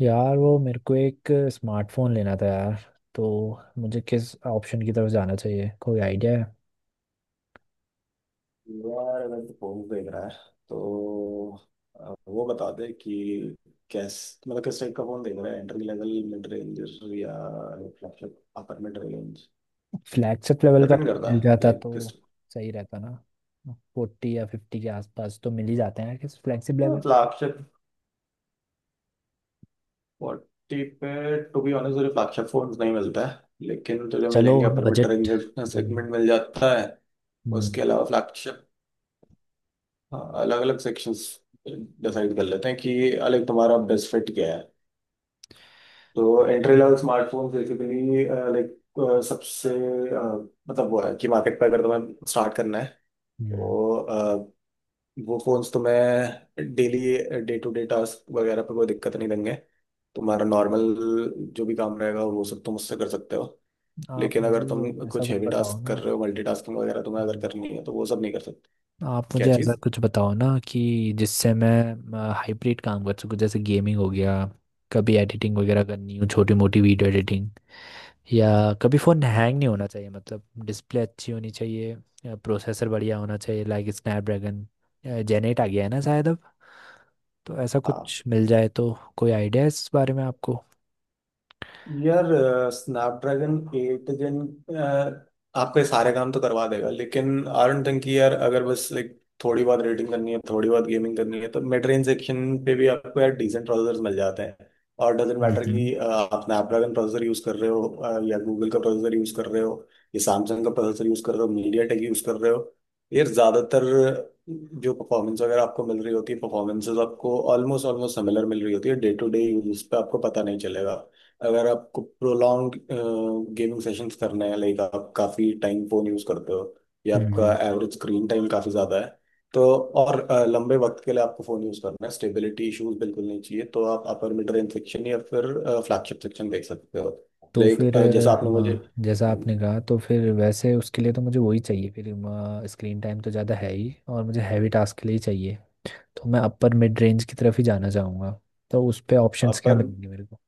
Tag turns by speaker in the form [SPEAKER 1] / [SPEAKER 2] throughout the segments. [SPEAKER 1] यार, वो मेरे को एक स्मार्टफोन लेना था यार। तो मुझे किस ऑप्शन की तरफ जाना चाहिए? कोई आइडिया है?
[SPEAKER 2] यार अगर तो पोल देख रहा है, तो वो बता दे कि कैस मतलब किस टाइप का फोन देख रहा है, एंट्री लेवल मिड रेंज या flagship upper mid range.
[SPEAKER 1] Flagship level का
[SPEAKER 2] डिपेंड
[SPEAKER 1] कोई
[SPEAKER 2] करता
[SPEAKER 1] मिल
[SPEAKER 2] है
[SPEAKER 1] जाता
[SPEAKER 2] लाइक
[SPEAKER 1] तो
[SPEAKER 2] किस
[SPEAKER 1] सही रहता ना। 40 या 50 के आसपास तो मिल ही जाते हैं किस फ्लैगशिप लेवल।
[SPEAKER 2] फ्लैगशिप फोर्टी पे। टू बी ऑनेस्ट, तुझे फ्लैगशिप फोन नहीं मिलता है लेकिन तुझे
[SPEAKER 1] चलो,
[SPEAKER 2] मिलेंगे, upper mid
[SPEAKER 1] budget.
[SPEAKER 2] Range
[SPEAKER 1] hmm.
[SPEAKER 2] Segment मिल जाता है।
[SPEAKER 1] हम्म।
[SPEAKER 2] उसके अलावा फ्लैगशिप अलग अलग सेक्शंस डिसाइड कर लेते हैं कि अलग तुम्हारा बेस्ट फिट क्या है। तो entry level smartphone basically like सबसे मतलब वो है कि मार्केट पे अगर तुम्हें स्टार्ट करना है,
[SPEAKER 1] हम्म।
[SPEAKER 2] तो वो फोन्स तुम्हें daily day to day task वगैरह पे कोई दिक्कत नहीं देंगे। तुम्हारा नॉर्मल जो भी काम रहेगा वो सब तुम उससे कर सकते हो,
[SPEAKER 1] आप
[SPEAKER 2] लेकिन
[SPEAKER 1] मुझे
[SPEAKER 2] अगर तुम
[SPEAKER 1] ऐसा
[SPEAKER 2] कुछ
[SPEAKER 1] कुछ
[SPEAKER 2] हैवी
[SPEAKER 1] बताओ
[SPEAKER 2] टास्क कर
[SPEAKER 1] ना।
[SPEAKER 2] रहे हो, मल्टीटास्किंग वगैरह तुम्हें अगर
[SPEAKER 1] हम्म।
[SPEAKER 2] करनी है तो वो सब नहीं कर सकते।
[SPEAKER 1] आप
[SPEAKER 2] क्या
[SPEAKER 1] मुझे ऐसा
[SPEAKER 2] चीज़?
[SPEAKER 1] कुछ बताओ ना कि जिससे मैं हाइब्रिड काम कर सकूं, जैसे गेमिंग हो गया, कभी एडिटिंग वगैरह करनी हो, छोटी मोटी वीडियो एडिटिंग, या कभी फ़ोन हैंग नहीं होना चाहिए, मतलब डिस्प्ले अच्छी होनी चाहिए या प्रोसेसर बढ़िया होना चाहिए, लाइक स्नैपड्रैगन जेन एट आ गया है ना शायद अब। तो ऐसा
[SPEAKER 2] हाँ।
[SPEAKER 1] कुछ मिल जाए तो। कोई आइडिया है इस बारे में आपको?
[SPEAKER 2] यार स्नैपड्रैगन एट जन आपके सारे काम तो करवा देगा, लेकिन आई डोंट थिंक कि यार अगर बस लाइक थोड़ी बहुत रेडिंग करनी है, थोड़ी बहुत गेमिंग करनी है, तो मिड रेंज सेक्शन पे भी आपको यार डिसेंट प्रोसेसर मिल जाते हैं। और डजेंट मैटर
[SPEAKER 1] हम्म।
[SPEAKER 2] कि आप स्नैपड्रैगन प्रोसेसर यूज कर रहे हो, या गूगल का प्रोसेसर यूज कर रहे हो या सैमसंग का प्रोसेसर यूज कर रहे हो, मीडिया टेक यूज कर रहे हो। यार ज्यादातर जो परफॉर्मेंस वगैरह आपको मिल रही होती है, परफॉर्मेंसेस आपको ऑलमोस्ट ऑलमोस्ट सिमिलर मिल रही होती है। डे टू डे यूज पे आपको पता नहीं चलेगा। अगर आपको प्रोलॉन्ग गेमिंग सेशंस करने हैं लाइक आप काफ़ी टाइम फ़ोन यूज़ करते हो, या आपका
[SPEAKER 1] हम्म।
[SPEAKER 2] एवरेज स्क्रीन टाइम काफ़ी ज़्यादा है, तो और लंबे वक्त के लिए आपको फ़ोन यूज़ करना है, स्टेबिलिटी इश्यूज बिल्कुल नहीं चाहिए, तो आप अपर मिड रेंज सेक्शन या फिर फ्लैगशिप सेक्शन देख सकते हो।
[SPEAKER 1] तो
[SPEAKER 2] लाइक
[SPEAKER 1] फिर
[SPEAKER 2] जैसा आपने मुझे।
[SPEAKER 1] हाँ, जैसा आपने कहा, तो फिर वैसे उसके लिए तो मुझे वही चाहिए फिर। स्क्रीन टाइम तो ज़्यादा है ही और मुझे हैवी टास्क के लिए ही चाहिए। तो मैं अपर मिड रेंज की तरफ ही जाना चाहूँगा। तो उस पे ऑप्शंस क्या
[SPEAKER 2] अपर
[SPEAKER 1] मिलेंगे मेरे को?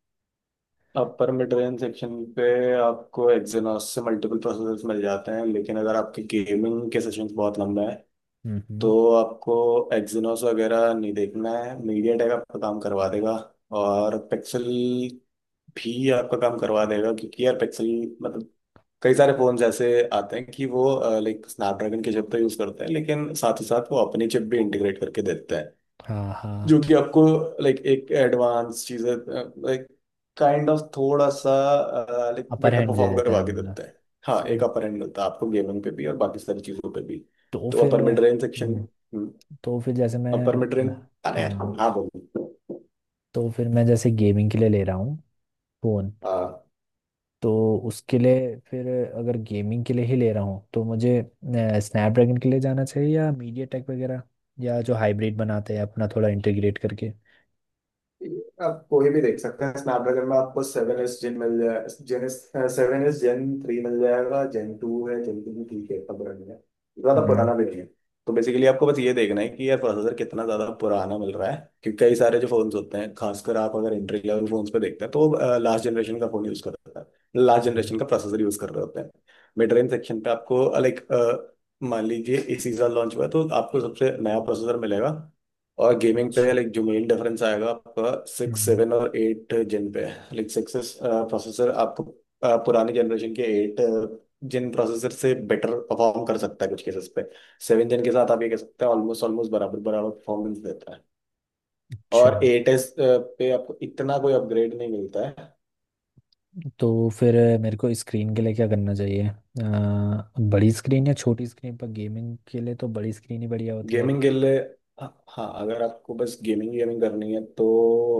[SPEAKER 2] अपर मिड रेंज सेक्शन पे आपको एक्सिनोस से मल्टीपल प्रोसेसर्स मिल जाते हैं, लेकिन अगर आपके गेमिंग के सेशंस बहुत लंबे हैं
[SPEAKER 1] हम्म।
[SPEAKER 2] तो आपको एक्जिनोस वगैरह नहीं देखना है, मीडियाटेक आपका काम करवा देगा। और पिक्सल भी आपका काम करवा देगा, क्योंकि यार पिक्सल मतलब कई सारे फोन्स ऐसे आते हैं कि वो लाइक स्नैपड्रैगन की चिप तो यूज करते हैं, लेकिन साथ ही साथ वो अपनी चिप भी इंटीग्रेट करके देते हैं,
[SPEAKER 1] हाँ
[SPEAKER 2] जो
[SPEAKER 1] हाँ,
[SPEAKER 2] कि आपको लाइक एक एडवांस चीज़, लाइक काइंड ऑफ थोड़ा सा लाइक
[SPEAKER 1] अपर
[SPEAKER 2] बेटर
[SPEAKER 1] हैंड दे
[SPEAKER 2] परफॉर्म
[SPEAKER 1] देता
[SPEAKER 2] करवा
[SPEAKER 1] है
[SPEAKER 2] के
[SPEAKER 1] मतलब।
[SPEAKER 2] देते हैं। हाँ, एक
[SPEAKER 1] सही।
[SPEAKER 2] अपर एंड मिलता है आपको गेमिंग पे भी और बाकी सारी चीज़ों पे भी।
[SPEAKER 1] तो
[SPEAKER 2] तो
[SPEAKER 1] फिर
[SPEAKER 2] upper mid range section,
[SPEAKER 1] hmm, तो फिर जैसे मैं
[SPEAKER 2] अपर मिड रेंज। अरे यार,
[SPEAKER 1] हाँ,
[SPEAKER 2] हाँ बोलो।
[SPEAKER 1] तो फिर मैं जैसे गेमिंग के लिए ले रहा हूँ फ़ोन।
[SPEAKER 2] हाँ।
[SPEAKER 1] तो उसके लिए फिर अगर गेमिंग के लिए ही ले रहा हूँ तो मुझे स्नैपड्रैगन के लिए जाना चाहिए या मीडिया टेक वगैरह, या जो हाइब्रिड बनाते हैं अपना थोड़ा इंटीग्रेट करके।
[SPEAKER 2] आप कोई भी देख सकते हैं। स्नैपड्रैगन में आपको सेवन एस जेन मिल जाए, gen S seven S gen three मिल जाएगा, जेन टू है, जेन टू भी ठीक है, इतना पुराना नहीं है, ज्यादा
[SPEAKER 1] हम्म।
[SPEAKER 2] पुराना भी नहीं है। तो बेसिकली आपको बस ये देखना है कि यार प्रोसेसर कितना ज्यादा पुराना मिल रहा है, क्योंकि कई सारे जो फोन्स होते हैं, खासकर आप अगर एंट्री लेवल फोन्स पे देखते हैं, तो लास्ट जनरेशन का फोन यूज कर रहा है, लास्ट
[SPEAKER 1] हम्म।
[SPEAKER 2] जनरेशन का प्रोसेसर यूज कर रहे होते हैं। मिड रेंज सेक्शन पे आपको लाइक, मान लीजिए इसी साल लॉन्च हुआ है, तो आपको सबसे नया प्रोसेसर मिलेगा। और गेमिंग पे
[SPEAKER 1] अच्छा।
[SPEAKER 2] लाइक जो मेन डिफरेंस आएगा आपका, सिक्स
[SPEAKER 1] हम्म।
[SPEAKER 2] सेवन और एट जिन पे। लाइक सिक्स प्रोसेसर आपको पुरानी जनरेशन के एट जिन प्रोसेसर से बेटर परफॉर्म कर सकता है कुछ केसेस पे। सेवन जिन के साथ आप ये कह सकते हैं ऑलमोस्ट ऑलमोस्ट बराबर बराबर परफॉर्मेंस देता है,
[SPEAKER 1] अच्छा।
[SPEAKER 2] और एट एस पे आपको इतना कोई अपग्रेड नहीं मिलता है।
[SPEAKER 1] तो फिर मेरे को स्क्रीन के लिए क्या करना चाहिए? बड़ी स्क्रीन या छोटी स्क्रीन? पर गेमिंग के लिए तो बड़ी स्क्रीन ही बढ़िया होती है।
[SPEAKER 2] गेमिंग के लिए हाँ हाँ, अगर आपको बस गेमिंग गेमिंग करनी है तो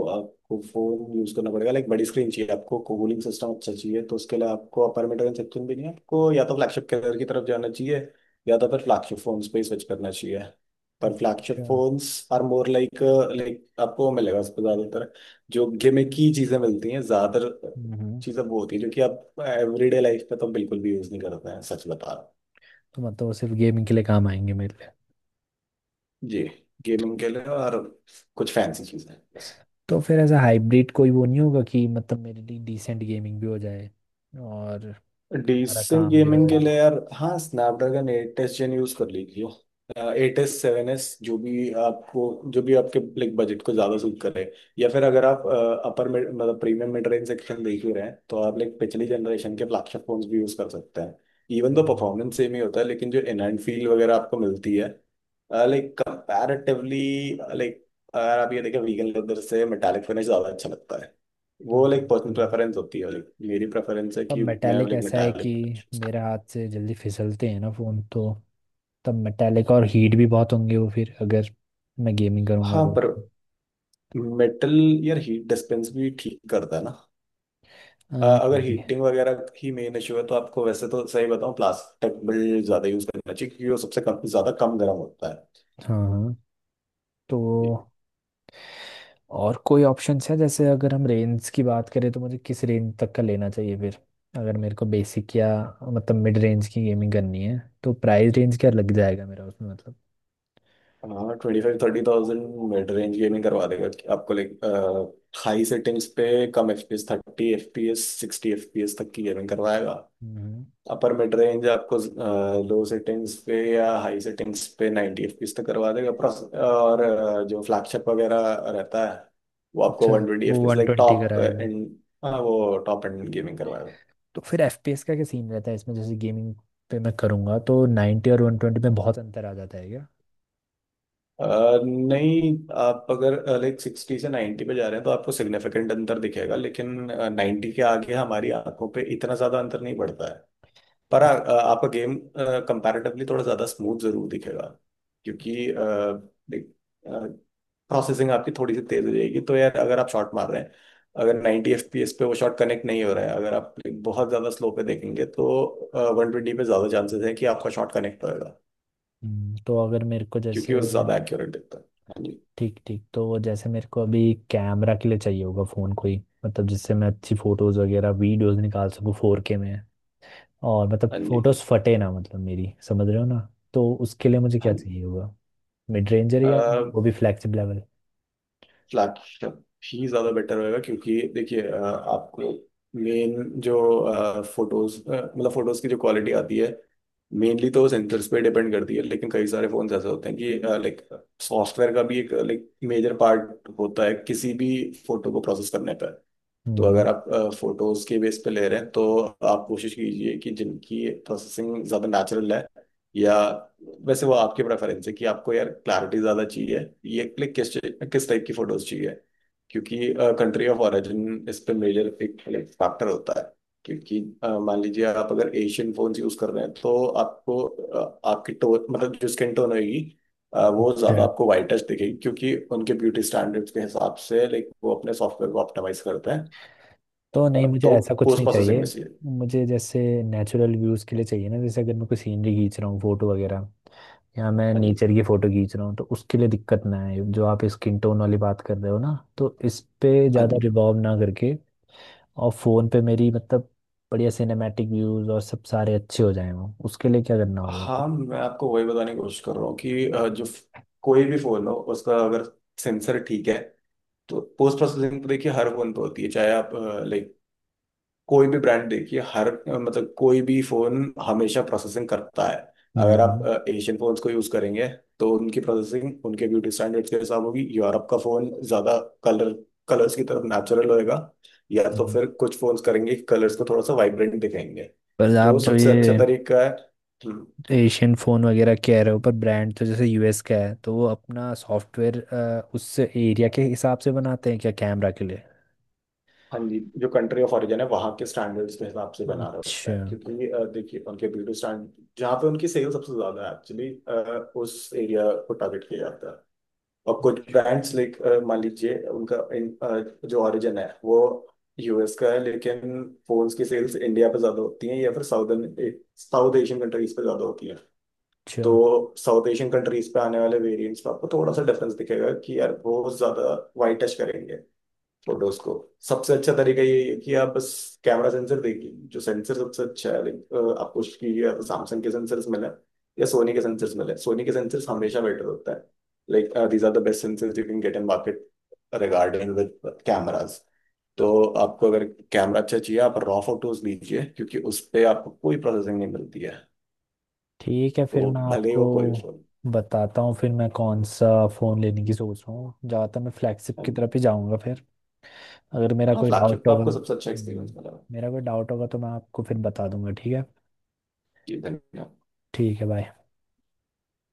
[SPEAKER 2] आपको फोन यूज करना पड़ेगा, लाइक बड़ी स्क्रीन चाहिए, आपको कूलिंग सिस्टम अच्छा चाहिए, तो उसके लिए आपको अपर मिड रेंज सेक्शन भी नहीं है, आपको या तो फ्लैगशिप कलर की तरफ जाना चाहिए, या तो फिर फ्लैगशिप फोन्स पे स्विच करना चाहिए। पर फ्लैगशिप
[SPEAKER 1] अच्छा।
[SPEAKER 2] फोन्स आर मोर लाइक, आपको मिलेगा उस पर ज्यादातर जो गेमिंग की चीजें मिलती हैं, ज्यादातर
[SPEAKER 1] हम्म।
[SPEAKER 2] चीजें वो होती है जो कि आप एवरीडे लाइफ पे तो बिल्कुल भी यूज नहीं करते हैं, सच बता रहा हूँ।
[SPEAKER 1] तो मतलब वो सिर्फ गेमिंग के लिए काम आएंगे मेरे लिए?
[SPEAKER 2] जी। गेमिंग के लिए और कुछ फैंसी चीजें बस।
[SPEAKER 1] तो फिर ऐसा हाइब्रिड कोई वो नहीं होगा कि मतलब मेरे लिए डिसेंट गेमिंग भी हो जाए और सारा
[SPEAKER 2] डिसेंट
[SPEAKER 1] काम भी हो
[SPEAKER 2] गेमिंग के
[SPEAKER 1] जाए?
[SPEAKER 2] लिए यार हाँ, Snapdragon eight S Gen use कर लीजिए, एट एस सेवन एस, जो भी आपके लाइक बजट को ज्यादा सूट करे, या फिर अगर आप अपर मतलब प्रीमियम मिड रेंज सेक्शन देख ही रहे हैं तो आप लाइक पिछली जनरेशन के फ्लैगशिप फोन्स भी यूज कर सकते हैं। इवन तो
[SPEAKER 1] हम्म।
[SPEAKER 2] परफॉर्मेंस सेम ही होता है, लेकिन जो इनहैंड फील वगैरह आपको मिलती है लाइक कंपैरेटिवली, लाइक अगर आप ये देखें, वीगन लेदर से मेटालिक फिनिश ज्यादा अच्छा लगता है। वो लाइक
[SPEAKER 1] हाँ, तो
[SPEAKER 2] पर्सनल
[SPEAKER 1] है।
[SPEAKER 2] प्रेफरेंस होती है, लाइक मेरी प्रेफरेंस है
[SPEAKER 1] पर
[SPEAKER 2] कि मैं
[SPEAKER 1] मेटालिक
[SPEAKER 2] लाइक
[SPEAKER 1] ऐसा है कि
[SPEAKER 2] मेटालिक।
[SPEAKER 1] मेरा हाथ से जल्दी फिसलते हैं ना फ़ोन। तो तब मेटालिक और हीट भी बहुत होंगे वो, फिर अगर मैं गेमिंग करूँगा
[SPEAKER 2] हाँ।
[SPEAKER 1] तो।
[SPEAKER 2] पर मेटल, यार हीट डिस्पेंस भी ठीक करता है ना।
[SPEAKER 1] हाँ।
[SPEAKER 2] अगर हीटिंग वगैरह ही मेन इशू है तो आपको वैसे तो सही बताऊँ, प्लास्टिक बिल्ड ज्यादा यूज करना चाहिए क्योंकि वो सबसे कम, ज्यादा कम गर्म होता है।
[SPEAKER 1] हाँ हाँ। तो और कोई ऑप्शंस है? जैसे अगर हम रेंज की बात करें तो मुझे किस रेंज तक का लेना चाहिए फिर? अगर मेरे को बेसिक या मतलब मिड रेंज की गेमिंग करनी है तो प्राइस रेंज क्या लग जाएगा मेरा उसमें, मतलब?
[SPEAKER 2] हाँ, twenty five thirty thousand mid range gaming करवा देगा कि आपको लाइक हाई सेटिंग्स पे, कम F P S, thirty F P S sixty F P S तक की गेमिंग करवाएगा।
[SPEAKER 1] हम्म।
[SPEAKER 2] अपर मिड रेंज आपको लो सेटिंग्स पे या हाई सेटिंग्स पे 90 एफपीएस तक करवा देगा प्रोस, और जो फ्लैगशिप वगैरह रहता है वो आपको
[SPEAKER 1] अच्छा।
[SPEAKER 2] 120
[SPEAKER 1] वो
[SPEAKER 2] एफपीएस
[SPEAKER 1] वन
[SPEAKER 2] लाइक
[SPEAKER 1] ट्वेंटी का
[SPEAKER 2] टॉप
[SPEAKER 1] रहेगा?
[SPEAKER 2] एंड। हाँ, वो टॉप एंड गेमिंग करवाएगा।
[SPEAKER 1] तो फिर एफपीएस का क्या सीन रहता है इसमें, जैसे गेमिंग पे मैं करूँगा तो 90 और 120 में बहुत अंतर आ जाता है क्या?
[SPEAKER 2] अ, नहीं। आप अगर लाइक सिक्सटी से 90 पे जा रहे हैं तो आपको सिग्निफिकेंट अंतर दिखेगा, लेकिन नाइन्टी के आगे हमारी आंखों पे इतना ज्यादा अंतर नहीं पड़ता है। पर आपका गेम कंपैरेटिवली थोड़ा ज्यादा स्मूथ जरूर दिखेगा, क्योंकि प्रोसेसिंग आपकी थोड़ी सी तेज हो जाएगी, तो यार अगर आप शॉट मार रहे हैं, अगर 90 एफपीएस पे वो शॉट कनेक्ट नहीं हो रहा है, अगर आप बहुत ज़्यादा स्लो पे देखेंगे तो वन ट्वेंटी पे ज़्यादा चांसेस है कि आपका शॉट कनेक्ट होएगा,
[SPEAKER 1] तो अगर मेरे को जैसे
[SPEAKER 2] क्योंकि वो ज़्यादा एक्यूरेट दिखता है। हाँ जी।
[SPEAKER 1] ठीक ठीक, तो वो जैसे मेरे को अभी कैमरा के लिए चाहिए होगा फ़ोन कोई, मतलब जिससे मैं अच्छी फ़ोटोज़ वगैरह वीडियोज़ निकाल सकूँ 4K में। और मतलब
[SPEAKER 2] हाँ जी।
[SPEAKER 1] फ़ोटोज़ फटे ना, मतलब मेरी, समझ रहे हो ना? तो उसके लिए मुझे
[SPEAKER 2] हाँ
[SPEAKER 1] क्या
[SPEAKER 2] जी।
[SPEAKER 1] चाहिए होगा? मिड रेंजर या वो भी फ्लैगशिप लेवल?
[SPEAKER 2] फ्लैट शॉट ही ज़्यादा बेटर होएगा, क्योंकि देखिए आपको मेन जो फोटोज, मतलब फोटोज की जो क्वालिटी आती है, मेनली तो सेंसर्स पे डिपेंड करती है, लेकिन कई सारे फोन ऐसे होते हैं कि लाइक सॉफ्टवेयर का भी एक लाइक मेजर पार्ट होता है किसी भी फोटो को प्रोसेस करने पे। तो
[SPEAKER 1] हम्म।
[SPEAKER 2] अगर आप फोटोज के बेस पे ले रहे हैं तो आप कोशिश कीजिए कि जिनकी प्रोसेसिंग ज्यादा नेचुरल है, या वैसे वो आपकी प्रेफरेंस है कि आपको यार क्लैरिटी ज्यादा चाहिए, ये क्लिक, किस किस टाइप की फोटोज चाहिए, क्योंकि कंट्री ऑफ ओरिजिन इस पे मेजर एक फैक्टर होता है। क्योंकि मान लीजिए आप अगर एशियन फोन यूज कर रहे हैं, तो आपको आपकी टोन, मतलब जो स्किन टोन होगी, वो ज्यादा आपको वाइटिश दिखेगी, क्योंकि उनके ब्यूटी स्टैंडर्ड्स के हिसाब से लाइक वो अपने सॉफ्टवेयर को ऑप्टिमाइज करते हैं।
[SPEAKER 1] तो नहीं, मुझे
[SPEAKER 2] तो
[SPEAKER 1] ऐसा कुछ
[SPEAKER 2] पोस्ट
[SPEAKER 1] नहीं
[SPEAKER 2] प्रोसेसिंग
[SPEAKER 1] चाहिए।
[SPEAKER 2] में चाहिए।
[SPEAKER 1] मुझे जैसे नेचुरल व्यूज़ के लिए चाहिए ना, जैसे अगर मैं कोई सीनरी खींच रहा हूँ फोटो वगैरह, या मैं
[SPEAKER 2] हाँ जी।
[SPEAKER 1] नेचर की फोटो खींच रहा हूँ तो उसके लिए दिक्कत ना आए, जो आप स्किन टोन वाली बात कर रहे हो ना तो इस पे
[SPEAKER 2] हाँ
[SPEAKER 1] ज़्यादा
[SPEAKER 2] जी।
[SPEAKER 1] रिवॉल्व ना करके। और फ़ोन पे मेरी मतलब बढ़िया सिनेमैटिक व्यूज़ और सब सारे अच्छे हो जाएं वो, उसके लिए क्या करना होगा
[SPEAKER 2] हाँ,
[SPEAKER 1] फिर?
[SPEAKER 2] मैं आपको वही बताने की कोशिश कर रहा हूँ कि जो कोई भी फोन हो उसका अगर सेंसर ठीक है, तो पोस्ट प्रोसेसिंग तो देखिए हर फोन पे होती है, चाहे आप लाइक कोई भी ब्रांड देखिए, हर मतलब कोई भी फोन हमेशा प्रोसेसिंग करता है। अगर आप
[SPEAKER 1] हम्म।
[SPEAKER 2] एशियन फोन्स को यूज करेंगे तो उनकी प्रोसेसिंग उनके ब्यूटी स्टैंडर्ड्स के हिसाब होगी। यूरोप का फोन ज्यादा कलर कलर्स की तरफ नेचुरल होएगा, या तो
[SPEAKER 1] हम्म।
[SPEAKER 2] फिर कुछ फोन्स करेंगे कलर्स को थोड़ा सा वाइब्रेंट दिखाएंगे।
[SPEAKER 1] पर
[SPEAKER 2] तो
[SPEAKER 1] आप जो
[SPEAKER 2] सबसे अच्छा
[SPEAKER 1] ये
[SPEAKER 2] तरीका है। हम्म।
[SPEAKER 1] एशियन फ़ोन वगैरह कह रहे हो, पर ब्रांड तो जैसे यूएस का है तो वो अपना सॉफ्टवेयर उस एरिया के हिसाब से बनाते हैं क्या कैमरा के लिए?
[SPEAKER 2] हाँ जी, जो कंट्री ऑफ ओरिजिन है वहाँ के स्टैंडर्ड्स के हिसाब से बना रहा होता
[SPEAKER 1] अच्छा।
[SPEAKER 2] है, क्योंकि देखिए उनके ब्यूटी स्टैंड जहाँ पे उनकी सेल सबसे ज्यादा है एक्चुअली, उस एरिया को टारगेट किया जाता है। और कुछ ब्रांड्स लाइक मान लीजिए उनका जो ओरिजिन है वो यूएस का है, लेकिन फोन्स की सेल्स इंडिया पे ज्यादा होती हैं, या फिर साउदर्न साउथ एशियन कंट्रीज पे ज्यादा होती हैं।
[SPEAKER 1] अच्छा,
[SPEAKER 2] तो साउथ एशियन कंट्रीज पे आने वाले वेरिएंट्स पे आपको थोड़ा सा डिफरेंस दिखेगा कि यार वो ज्यादा वाइट टच करेंगे फोटोज को। सबसे अच्छा तरीका ये है कि आप बस कैमरा सेंसर देखिए, जो सेंसर सबसे अच्छा है, like, आपको उसकी सैमसंग के सेंसर्स मिले या सोनी के सेंसर्स मिले, सोनी के सेंसर्स हमेशा बेटर होता है। Like these are the best sensors you can get in market regarding with cameras. तो आपको अगर कैमरा अच्छा चाहिए, आप रॉ फोटोज लीजिए क्योंकि उस पे आपको कोई प्रोसेसिंग नहीं मिलती है,
[SPEAKER 1] ठीक है, फिर
[SPEAKER 2] तो
[SPEAKER 1] मैं
[SPEAKER 2] भले ही
[SPEAKER 1] आपको
[SPEAKER 2] वो कोई भी फोन।
[SPEAKER 1] बताता हूँ फिर मैं कौन सा फ़ोन लेने की सोच रहा हूँ। ज़्यादातर मैं फ्लैगशिप की तरफ ही जाऊँगा फिर। अगर मेरा
[SPEAKER 2] हाँ,
[SPEAKER 1] कोई
[SPEAKER 2] फ्लैगशिप
[SPEAKER 1] डाउट
[SPEAKER 2] पे
[SPEAKER 1] होगा
[SPEAKER 2] आपको सबसे अच्छा एक्सपीरियंस मिला है।
[SPEAKER 1] मेरा कोई डाउट होगा तो मैं आपको फिर बता दूंगा, ठीक है?
[SPEAKER 2] जी धन्यवाद।
[SPEAKER 1] ठीक है, बाय।